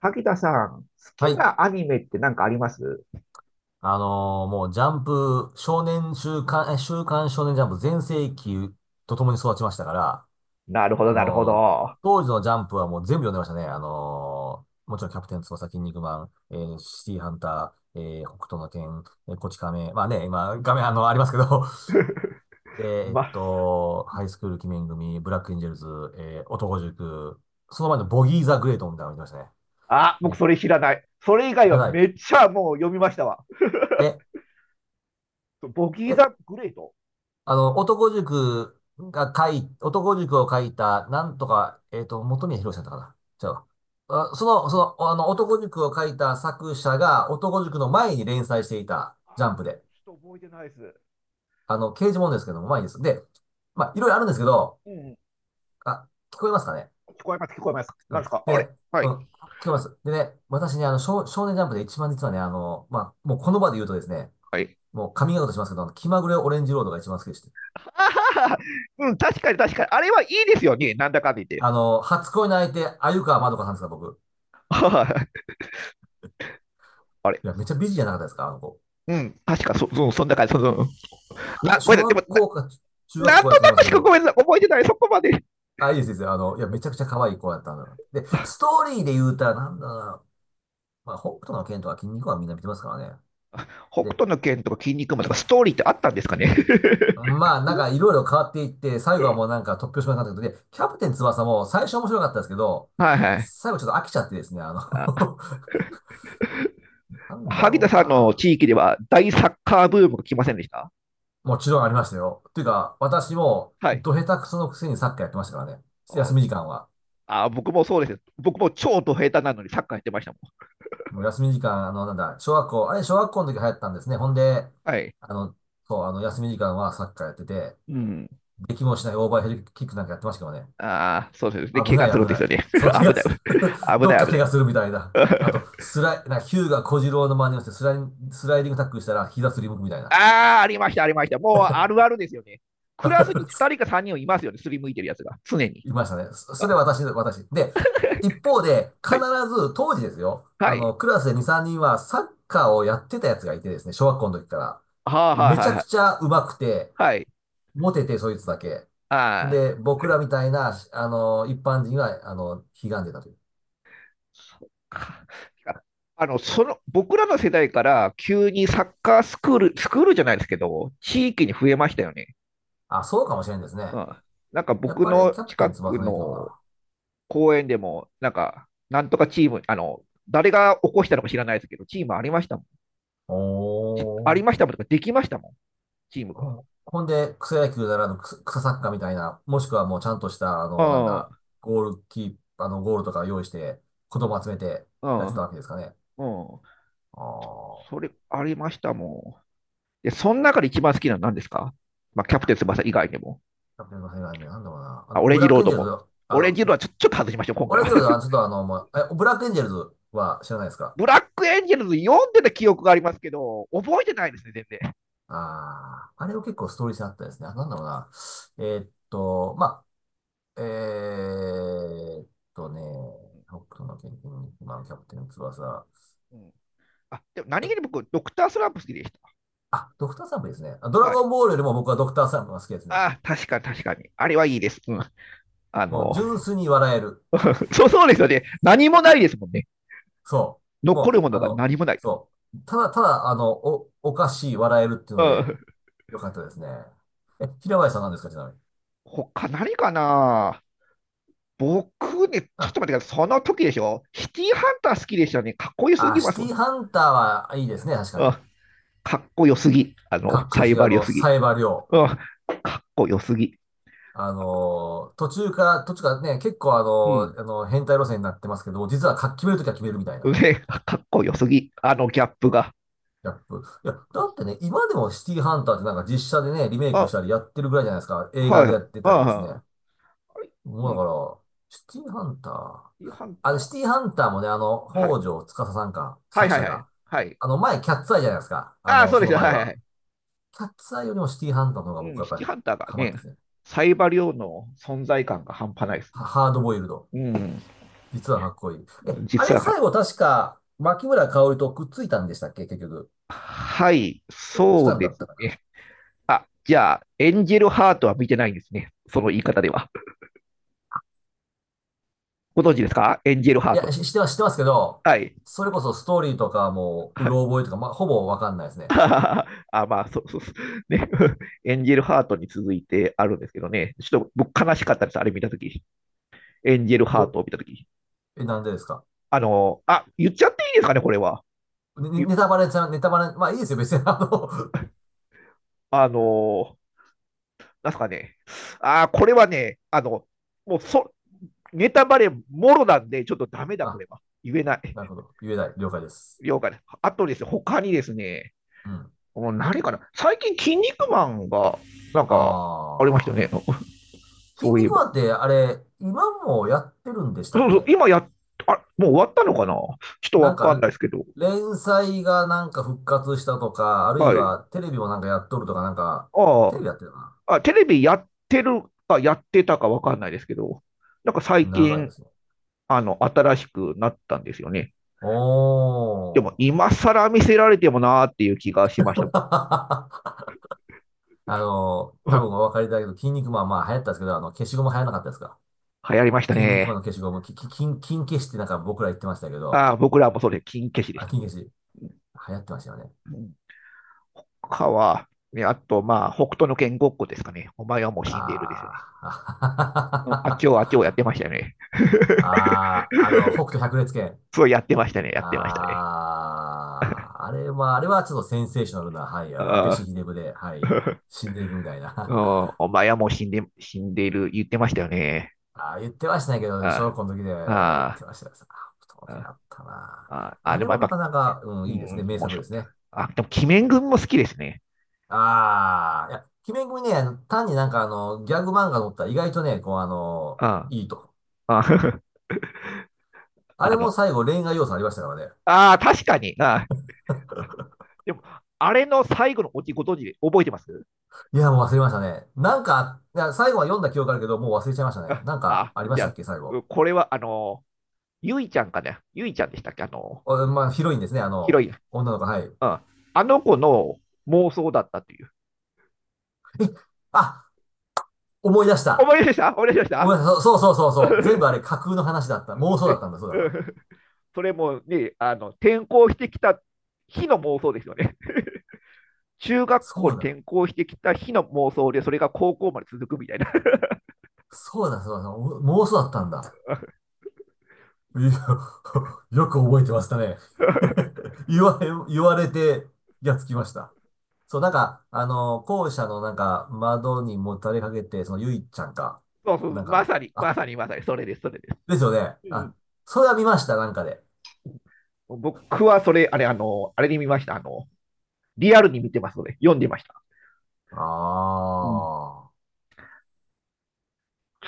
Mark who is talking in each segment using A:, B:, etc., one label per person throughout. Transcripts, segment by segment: A: 萩田さん、好
B: は
A: き
B: い。
A: なアニメって何かあります？
B: もうジャンプ、少年週刊、週刊少年ジャンプ全盛期と共に育ちましたから、
A: なるほど、
B: あ
A: なるほ
B: のー
A: ど。
B: 当時のジャンプはもう全部読んでましたね。もちろんキャプテン翼、筋肉マン、シティハンター、北斗の拳、こち亀、まあね、今、画面、ありますけど、で、
A: ま、
B: ハイスクール鬼面組、ブラックエンジェルズ、男塾、その前のボギー・ザ・グレートみたいなの見てましたね。
A: あ、僕
B: え、
A: それ知らない。それ以外
B: じゃ
A: は
B: な
A: めっ
B: い。
A: ちゃもう読みましたわ。
B: え、
A: ボギー
B: え、
A: ザグレート。
B: あの、男塾が書い、男塾を書いた、なんとか、元宮博さんだったかな。違う。あ、その、あの、男塾を書いた作者が、男塾の前に連載していた、ジ
A: あ、
B: ャンプ
A: それ
B: で。
A: ちょっと覚えてないです。
B: あの、刑事ものですけども、前にです。で、まあ、いろいろあるんですけど、
A: うん。
B: あ、聞こえますかね。
A: 聞こえます、聞こえます。
B: う
A: なん
B: ん。
A: ですかあ
B: で
A: れ？
B: ね、
A: は
B: うん、
A: い。
B: 聞こえます。でね、私ね、あの、少年ジャンプで一番実はね、あの、まあ、もうこの場で言うとですね、
A: はい。
B: もうカミングアウトしますけど、あの気まぐれオレンジロードが一番好きでして、
A: ああ、うん、確かに確かに。あれはいいですよね。なんだかんだ言って。
B: あの、初恋の相手、鮎川まどかさんですか、僕。
A: はい。あれ。
B: いや、めっちゃ美人じゃなかったですかあの子。
A: うん、確かそんな感じ。そ、そ、な、ごめん
B: 小
A: なさい。で
B: 学
A: も、な、
B: 校か中学
A: なん
B: 校
A: と
B: やと
A: な
B: 思うんです
A: く
B: け
A: しかご
B: ど、
A: めんなさい。覚えてない。そこまで。
B: あ、いいです、いいです。あの、いや、めちゃくちゃ可愛い子やったんだな。で、ストーリーで言うたら、なんだろうな。まあ、北斗の拳とか筋肉はみんな見てますからね。
A: 北
B: で、
A: 斗の拳とか筋肉マンとかストーリーってあったんですかね？
B: まあ、なんかいろいろ変わっていって、最後はもうなんか突拍子もなかったけど、で、キャプテン翼も最初面白かったですけど、
A: はいはい。
B: 最後ちょっと飽きちゃってですね、あの なんだ
A: 萩田
B: ろう
A: さんの
B: な。
A: 地域では大サッカーブームが来ませんでした？
B: もちろんありましたよ。っていうか、私も、
A: はい。
B: ど下手くそのくせにサッカーやってましたからね。休み時間は。
A: あ、僕もそうです。僕も超ド下手なのにサッカーやってましたも
B: もう休み時間、あの、なんだ、小学校、あれ、小学校の時流行ったんですね。ほんで、
A: ん。はい。
B: あの、そう、あの、休み時間はサッカーやってて、
A: うん。
B: できもしないオーバーヘルキックなんかやってましたけどね。
A: ああ、そうですね。
B: 危
A: 怪
B: な
A: 我
B: い、
A: するん
B: 危
A: です
B: な
A: よ
B: い。
A: ね。
B: そう、怪
A: 危
B: 我
A: ない。
B: する。
A: 危
B: どっ
A: ない、
B: か
A: 危な
B: 怪
A: い。
B: 我するみたいな。あ と、スライ、な、ヒューガ小次郎の真似をして、スライディングタックルしたら、膝すりむくみたいな。
A: ああ、ありました、ありました。もうあるあるですよね。クラスに2人 か3人いますよね。すりむいてるやつが。常に。
B: いましたね。そそ
A: あ、
B: れ私。で、一方で、
A: は
B: 必
A: い。
B: ず、当時ですよ。
A: は
B: あの、
A: い。
B: クラスで2、3人はサッカーをやってたやつがいてですね、小学校の時から。
A: はあ、はい、
B: めち
A: はい
B: ゃ
A: は
B: く
A: い。
B: ちゃ上手くて、
A: はい。
B: モテて、そいつだけ。
A: ああ。
B: で、僕
A: は
B: ら
A: い。
B: みたいな、あの、一般人は、あの、ひがんでたという。
A: そっか。僕らの世代から急にサッカースクール、スクールじゃないですけど、地域に増えましたよね。
B: あ、そうかもしれんですね。
A: うん。なんか
B: やっ
A: 僕
B: ぱり
A: の
B: キャプテ
A: 近
B: ン
A: く
B: 翼の影響か
A: の
B: な。
A: 公園でも、なんか、なんとかチーム、誰が起こしたのか知らないですけど、チームありましたもん。あ
B: お
A: り
B: ー。
A: ましたもんとか、できましたもん、チームが。
B: ほんで、草野球ならぬ草サッカーみたいな、もしくはもうちゃんとした、あ
A: う
B: の、なん
A: ん、
B: だ、ゴールキー、あの、ゴールとか用意して、子供集めて
A: う
B: やって
A: ん、
B: た
A: う
B: わけですかね。
A: ん。
B: あー
A: それ、ありましたもん。で、その中で一番好きなのは何ですか？まあ、キャプテン
B: あ。
A: 翼以外でも。
B: キャプテンの世界ね、なんだろうな。あ
A: あ、
B: の、
A: オレン
B: ブ
A: ジ
B: ラッ
A: ロー
B: クエン
A: ド
B: ジェルズ、
A: も。オ
B: あ
A: レン
B: の、
A: ジロードはちょっと外しましょう、今
B: オ
A: 回
B: レ
A: は。
B: ズはちょっとあの、まあえ、ブラックエンジェルズは知らないですか？
A: ブラックエンジェルズ読んでた記憶がありますけど、覚えてないですね、全然。
B: ああ、あれは結構ストーリー性あったですね。あなんだろうな。まあ、ーっね、北斗の拳に今のキャプテン翼。
A: うん、あでも何気に
B: え、
A: 僕、ドクタースランプ好きでし
B: あ、ドクターサンプですね。あド
A: た。
B: ラ
A: はい。
B: ゴンボールよりも僕はドクターサンプが好きですね。
A: ああ、確かに確かに。あれはいいです。うん。あ
B: もう
A: の、
B: 純粋に笑える。
A: そうそうですよね。何もないですもんね。
B: そう。も
A: 残る
B: う、
A: も
B: あ
A: のが
B: の、
A: 何もない。
B: そう。ただ、ただ、あの、おかしい笑えるっていう
A: う
B: ので、
A: ん。
B: よかったですね。え、平林さんなんですか、ちなみに。
A: 他何かな？僕ね、ちょっ
B: あ、
A: と待ってください。その時でしょ？シティーハンター好きでしたね。かっこよすぎま
B: シ
A: す
B: テ
A: わ。
B: ィハンターはいいですね、確か
A: うん。
B: に。
A: かっこよすぎ。
B: かっこ
A: サ
B: よ
A: イ
B: すぎ、
A: バ
B: あ
A: ー良
B: の、
A: すぎ。
B: サイバー量。
A: うん。かっこよすぎ。
B: あの、途中からね、結構あ
A: うん。
B: の、あの、変態路線になってますけど、実は決めるときは決めるみたいな。
A: 上、かっこよすぎ、あのギャップが。
B: ギャップ。いや、だってね、今でもシティハンターってなんか実写でね、リメイク
A: あ、
B: したりやってるぐらいじゃないですか。映
A: は
B: 画
A: い、
B: でやってたりですね。
A: はい、はい。
B: もう
A: う
B: だ
A: ん、シ
B: から、シティハンター。
A: ティハン
B: あ
A: タ
B: れ、
A: ー。
B: シティハンターもね、あの、
A: はい。
B: 北条司さんか、
A: はい
B: 作
A: はい
B: 者
A: はい。
B: が。
A: はい。
B: あの、前、キャッツアイじゃないですか。あ
A: ああ、
B: の、
A: そう
B: そ
A: です
B: の
A: よ。は
B: 前
A: いはいは
B: は。
A: い。
B: キャッツアイよりもシティハンターの方が
A: う
B: 僕
A: ん、
B: は
A: シ
B: やっ
A: ティ
B: ぱり
A: ハンターが
B: ハマっ
A: ね、
B: てですね。
A: サイバリオの存在感が半端ないです。
B: ハードボイルド。
A: うん、
B: 実はかっこいい。え、あ
A: 実
B: れ
A: は、
B: 最後確か、牧村香織とくっついたんでしたっけ結局。
A: はい、
B: し
A: そ
B: た
A: う
B: んねだ
A: で
B: っ
A: す
B: たかな。
A: ね。あ、じゃあ、エンジェルハートは見てないんですね。その言い方では。ご存知ですか？エンジェルハ
B: い
A: ートっ
B: や、
A: て。
B: しては知ってますけど、
A: はい。
B: それこそストーリーとかもう、
A: は
B: う
A: い。
B: ろ覚えとか、まあ、ほぼわかんないです ね。
A: ああ、まあ、そうそうそう。ね。エンジェルハートに続いてあるんですけどね。ちょっと僕悲しかったです。あれ見たとき。エンジェルハー
B: ど、
A: トを見たとき。
B: なんでですか？
A: あ、言っちゃっていいですかね、これは。
B: ね
A: ゆ
B: ネタバレじゃ、ネタバレ、まあいいですよ、別に。あの
A: あのーなんすかね。ああ、これはね、もうネタバレもろなんで、ちょっとダメだ、こ
B: あ、
A: れは。言えない。
B: なるほど。言えない。了解です。
A: 了解です。あとですね、他にですね、
B: うん。
A: もう何かな。最近、筋肉マンが、なん
B: あ
A: か、ありましたよね。
B: ー。筋
A: そういえ
B: 肉
A: ば。
B: マンって、あれ、今もやってるんでした
A: そ
B: っ
A: うそう、
B: け？
A: 今やっ、あ、もう終わったのかな、ちょっと
B: な
A: わ
B: んか、
A: かんないですけど。
B: 連載がなんか復活したとか、あるい
A: はい。
B: はテレビもなんかやっとるとか、なんか、テレ
A: あ
B: ビやってるな。
A: あ、あ、テレビやってるかやってたかわかんないですけど、なんか最
B: 長いで
A: 近、
B: すね。
A: 新しくなったんですよね。
B: お
A: でも、
B: ー。
A: 今更見せられてもなーっていう気がしました。
B: あの、
A: う
B: 多分
A: ん、
B: お分かりいただけど、筋肉マンまあ流行ったんですけど、あの、消しゴム流行らなかったですか？
A: 流行りました
B: 筋肉マン
A: ね。
B: の消しゴム、き、き、筋、筋消しってなんか僕ら言ってましたけど、
A: ああ、僕らもそれ、金消しでし
B: あ、
A: た。
B: 筋消し、流行ってましたよね。
A: うん。他は、ね、あと、まあ、北斗の拳ごっこですかね。お前はもう死んでいるですよ
B: あ
A: ね。うん。あっちをあっち
B: ー。
A: をやってましたよね。
B: あー、あの、北斗百裂拳。
A: そうやってましたね、やってましたね。
B: ああ、あれはちょっとセンセーショナルな、はい、あの、安倍氏
A: あ
B: 秀でぶで、は
A: あ、
B: い、死んでいくみたい
A: うん、
B: な。
A: お前はもう死んでいる、言ってましたよね。
B: ああ、言ってましたねけど、小
A: あ
B: 学校の時で言
A: あ、
B: っ
A: あ
B: てましたよ。あ不当
A: あ、
B: あったな。
A: ああ、ああ、
B: あ
A: で
B: れ
A: もや
B: も
A: っ
B: な
A: ぱ、
B: かなか、うん、
A: う
B: いいですね。
A: ん、
B: 名
A: 面
B: 作で
A: 白か
B: す
A: った。
B: ね。
A: あ、でも、鬼面君も好きですね。
B: ああ、いや、鬼面組ね、あの単になんかあの、ギャグ漫画のったら意外とね、こうあの、
A: あ
B: いいと。
A: あ、ああ
B: あ
A: あ
B: れも
A: の、
B: 最後恋愛要素ありましたからね。
A: ああ、確かに。ああ、でも、あれの最後のおじご存知で覚えてます？
B: いや、もう忘れましたね。なんか、いや最後は読んだ記憶あるけど、もう忘れちゃいましたね。
A: あ
B: なんか
A: あ、
B: ありま
A: じ
B: し
A: ゃ
B: たっ
A: あ、
B: け、最後。
A: これは、ゆいちゃんかね。ゆいちゃんでしたっけ？あの、
B: おまあ、広いんですね、あ
A: ヒロ
B: の、
A: イン。
B: 女の子、はい。
A: うん。あの子の妄想だったという。
B: あ、思い出した。
A: 思い出した。思い出しまし
B: 思
A: た。
B: い出した。そうそうそうそう そう。全部あれ架空の話だった。妄想だっ
A: ね。
B: たんだ、そうだ
A: う
B: な。
A: ん。 それもね、あの転校してきた日の妄想ですよね。中学校
B: そ
A: に
B: うだ。
A: 転校してきた日の妄想で、それが高校まで続くみたいな。
B: そうだ、そうだ。そうだお妄想だったんだ。いや、よく覚えてましたね。言われ、言われて、やっつきました。そう、なんか、あの、校舎のなんか、窓にもたれかけて、その、ゆいちゃんか。
A: そうそ
B: な
A: う、
B: ん
A: ま
B: か、
A: さに、ま
B: あ、
A: さに、まさに、それです、それです。
B: ですよね。
A: うん。
B: あ、それは見ました、なんかで。
A: 僕はそれ、あれ、あれに見ました。リアルに見てますので、読んでました。
B: あ
A: うん。
B: あ。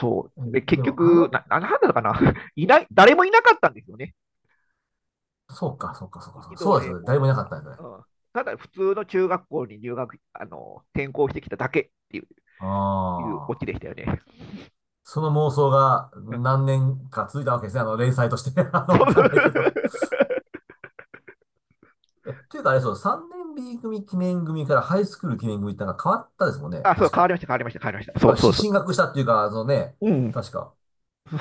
A: そ
B: え
A: う。で、結
B: でも、あ
A: 局、
B: の
A: なんだったかな。いない、誰もいなかったんですよね。
B: そうか、そうか、そうか、そう
A: 一
B: か。
A: 度
B: そうです
A: 例
B: よね。誰もい
A: も。
B: なかったんです
A: う
B: ね。
A: ん。ただ、普通の中学校に入学、転校してきただけっていう、
B: あ
A: いうオ
B: あ。
A: チでしたよね。
B: その妄想が何年か続いたわけですね。あの、連載として。あの、わかんないけど。え、というかあれそう、3年 B 組記念組からハイスクール記念組ってなんか変わったですもんね。
A: あ、そう、
B: 確
A: 変わり
B: か。
A: ました、変わりました、変わりました。そ
B: ま
A: う
B: あ、
A: そうそ
B: 進学したっていうか、そのね、
A: う。うん、
B: 確か。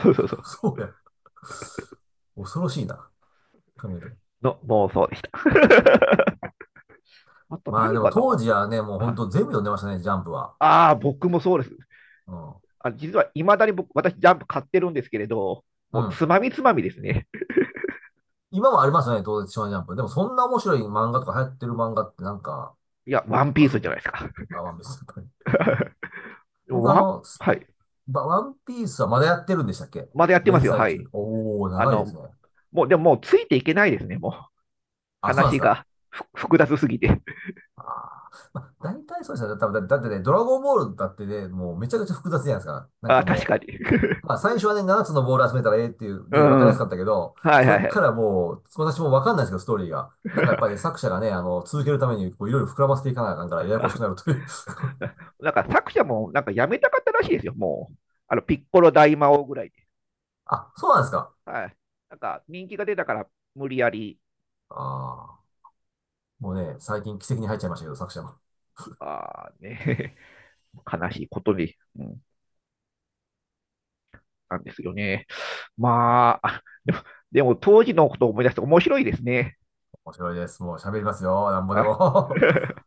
A: そうそうそう。
B: そうや。恐ろしいな。考えたら。
A: の妄想でした。あと
B: まあ
A: 何
B: でも
A: かな？
B: 当時はね、もう本
A: あ
B: 当全部読んでましたね、ジャンプは。
A: あー、僕もそうです。
B: うん。
A: あ、実はいまだに僕、私、ジャンプ買ってるんですけれど、
B: う
A: もう
B: ん。
A: つまみつまみですね。
B: 今もありますよね、当然、少年ジャンプ。でもそんな面白い漫画とか流行ってる漫画ってなんか、
A: いや、ワンピ
B: あ
A: ー
B: る
A: スじゃないですか。
B: あ、ワンピース。はい 僕あ
A: ワン
B: の、
A: はい。
B: ワンピースはまだやってるんでしたっけ？
A: まだやってます
B: 連
A: よ、
B: 載
A: は
B: 中。
A: い。
B: おー、
A: あ
B: 長いです
A: の、
B: ね。
A: もう、でも、もうついていけないですね、もう。
B: あ、そうなんです
A: 話
B: か。
A: が複雑すぎて。
B: あー、まあ、大体そうですよね。多分だってね、ドラゴンボールだってね、もうめちゃくちゃ複雑じゃないですか。なん
A: あ、
B: か
A: 確
B: も
A: かに。
B: う、まあ最初はね、7つのボール集めたらええっていう、
A: う
B: で、わかりや
A: ん。
B: すかったけど、
A: はい
B: そ
A: はい
B: っ
A: は
B: か
A: い。
B: らもう、私もわかんないですけど、ストーリーが。なんかやっぱりね、作者がね、あの、続けるため に、こう、いろいろ膨らませていかなあかんから、ややこしくなるという
A: なんか作者もなんかやめたかったらしいですよ、もう。あの、ピッコロ大魔王ぐらいで。
B: あ、そうなんですか。
A: はい。なんか人気が出たから無理やり、
B: ああ、もうね、最近奇跡に入っちゃいましたけど、作者も。
A: あーね、悲しいことに、うん、なんですよね。まあ、でも、当時のことを思い出して面白いですね。
B: 面白いです。もう喋りますよ。なんぼで
A: はい。
B: も。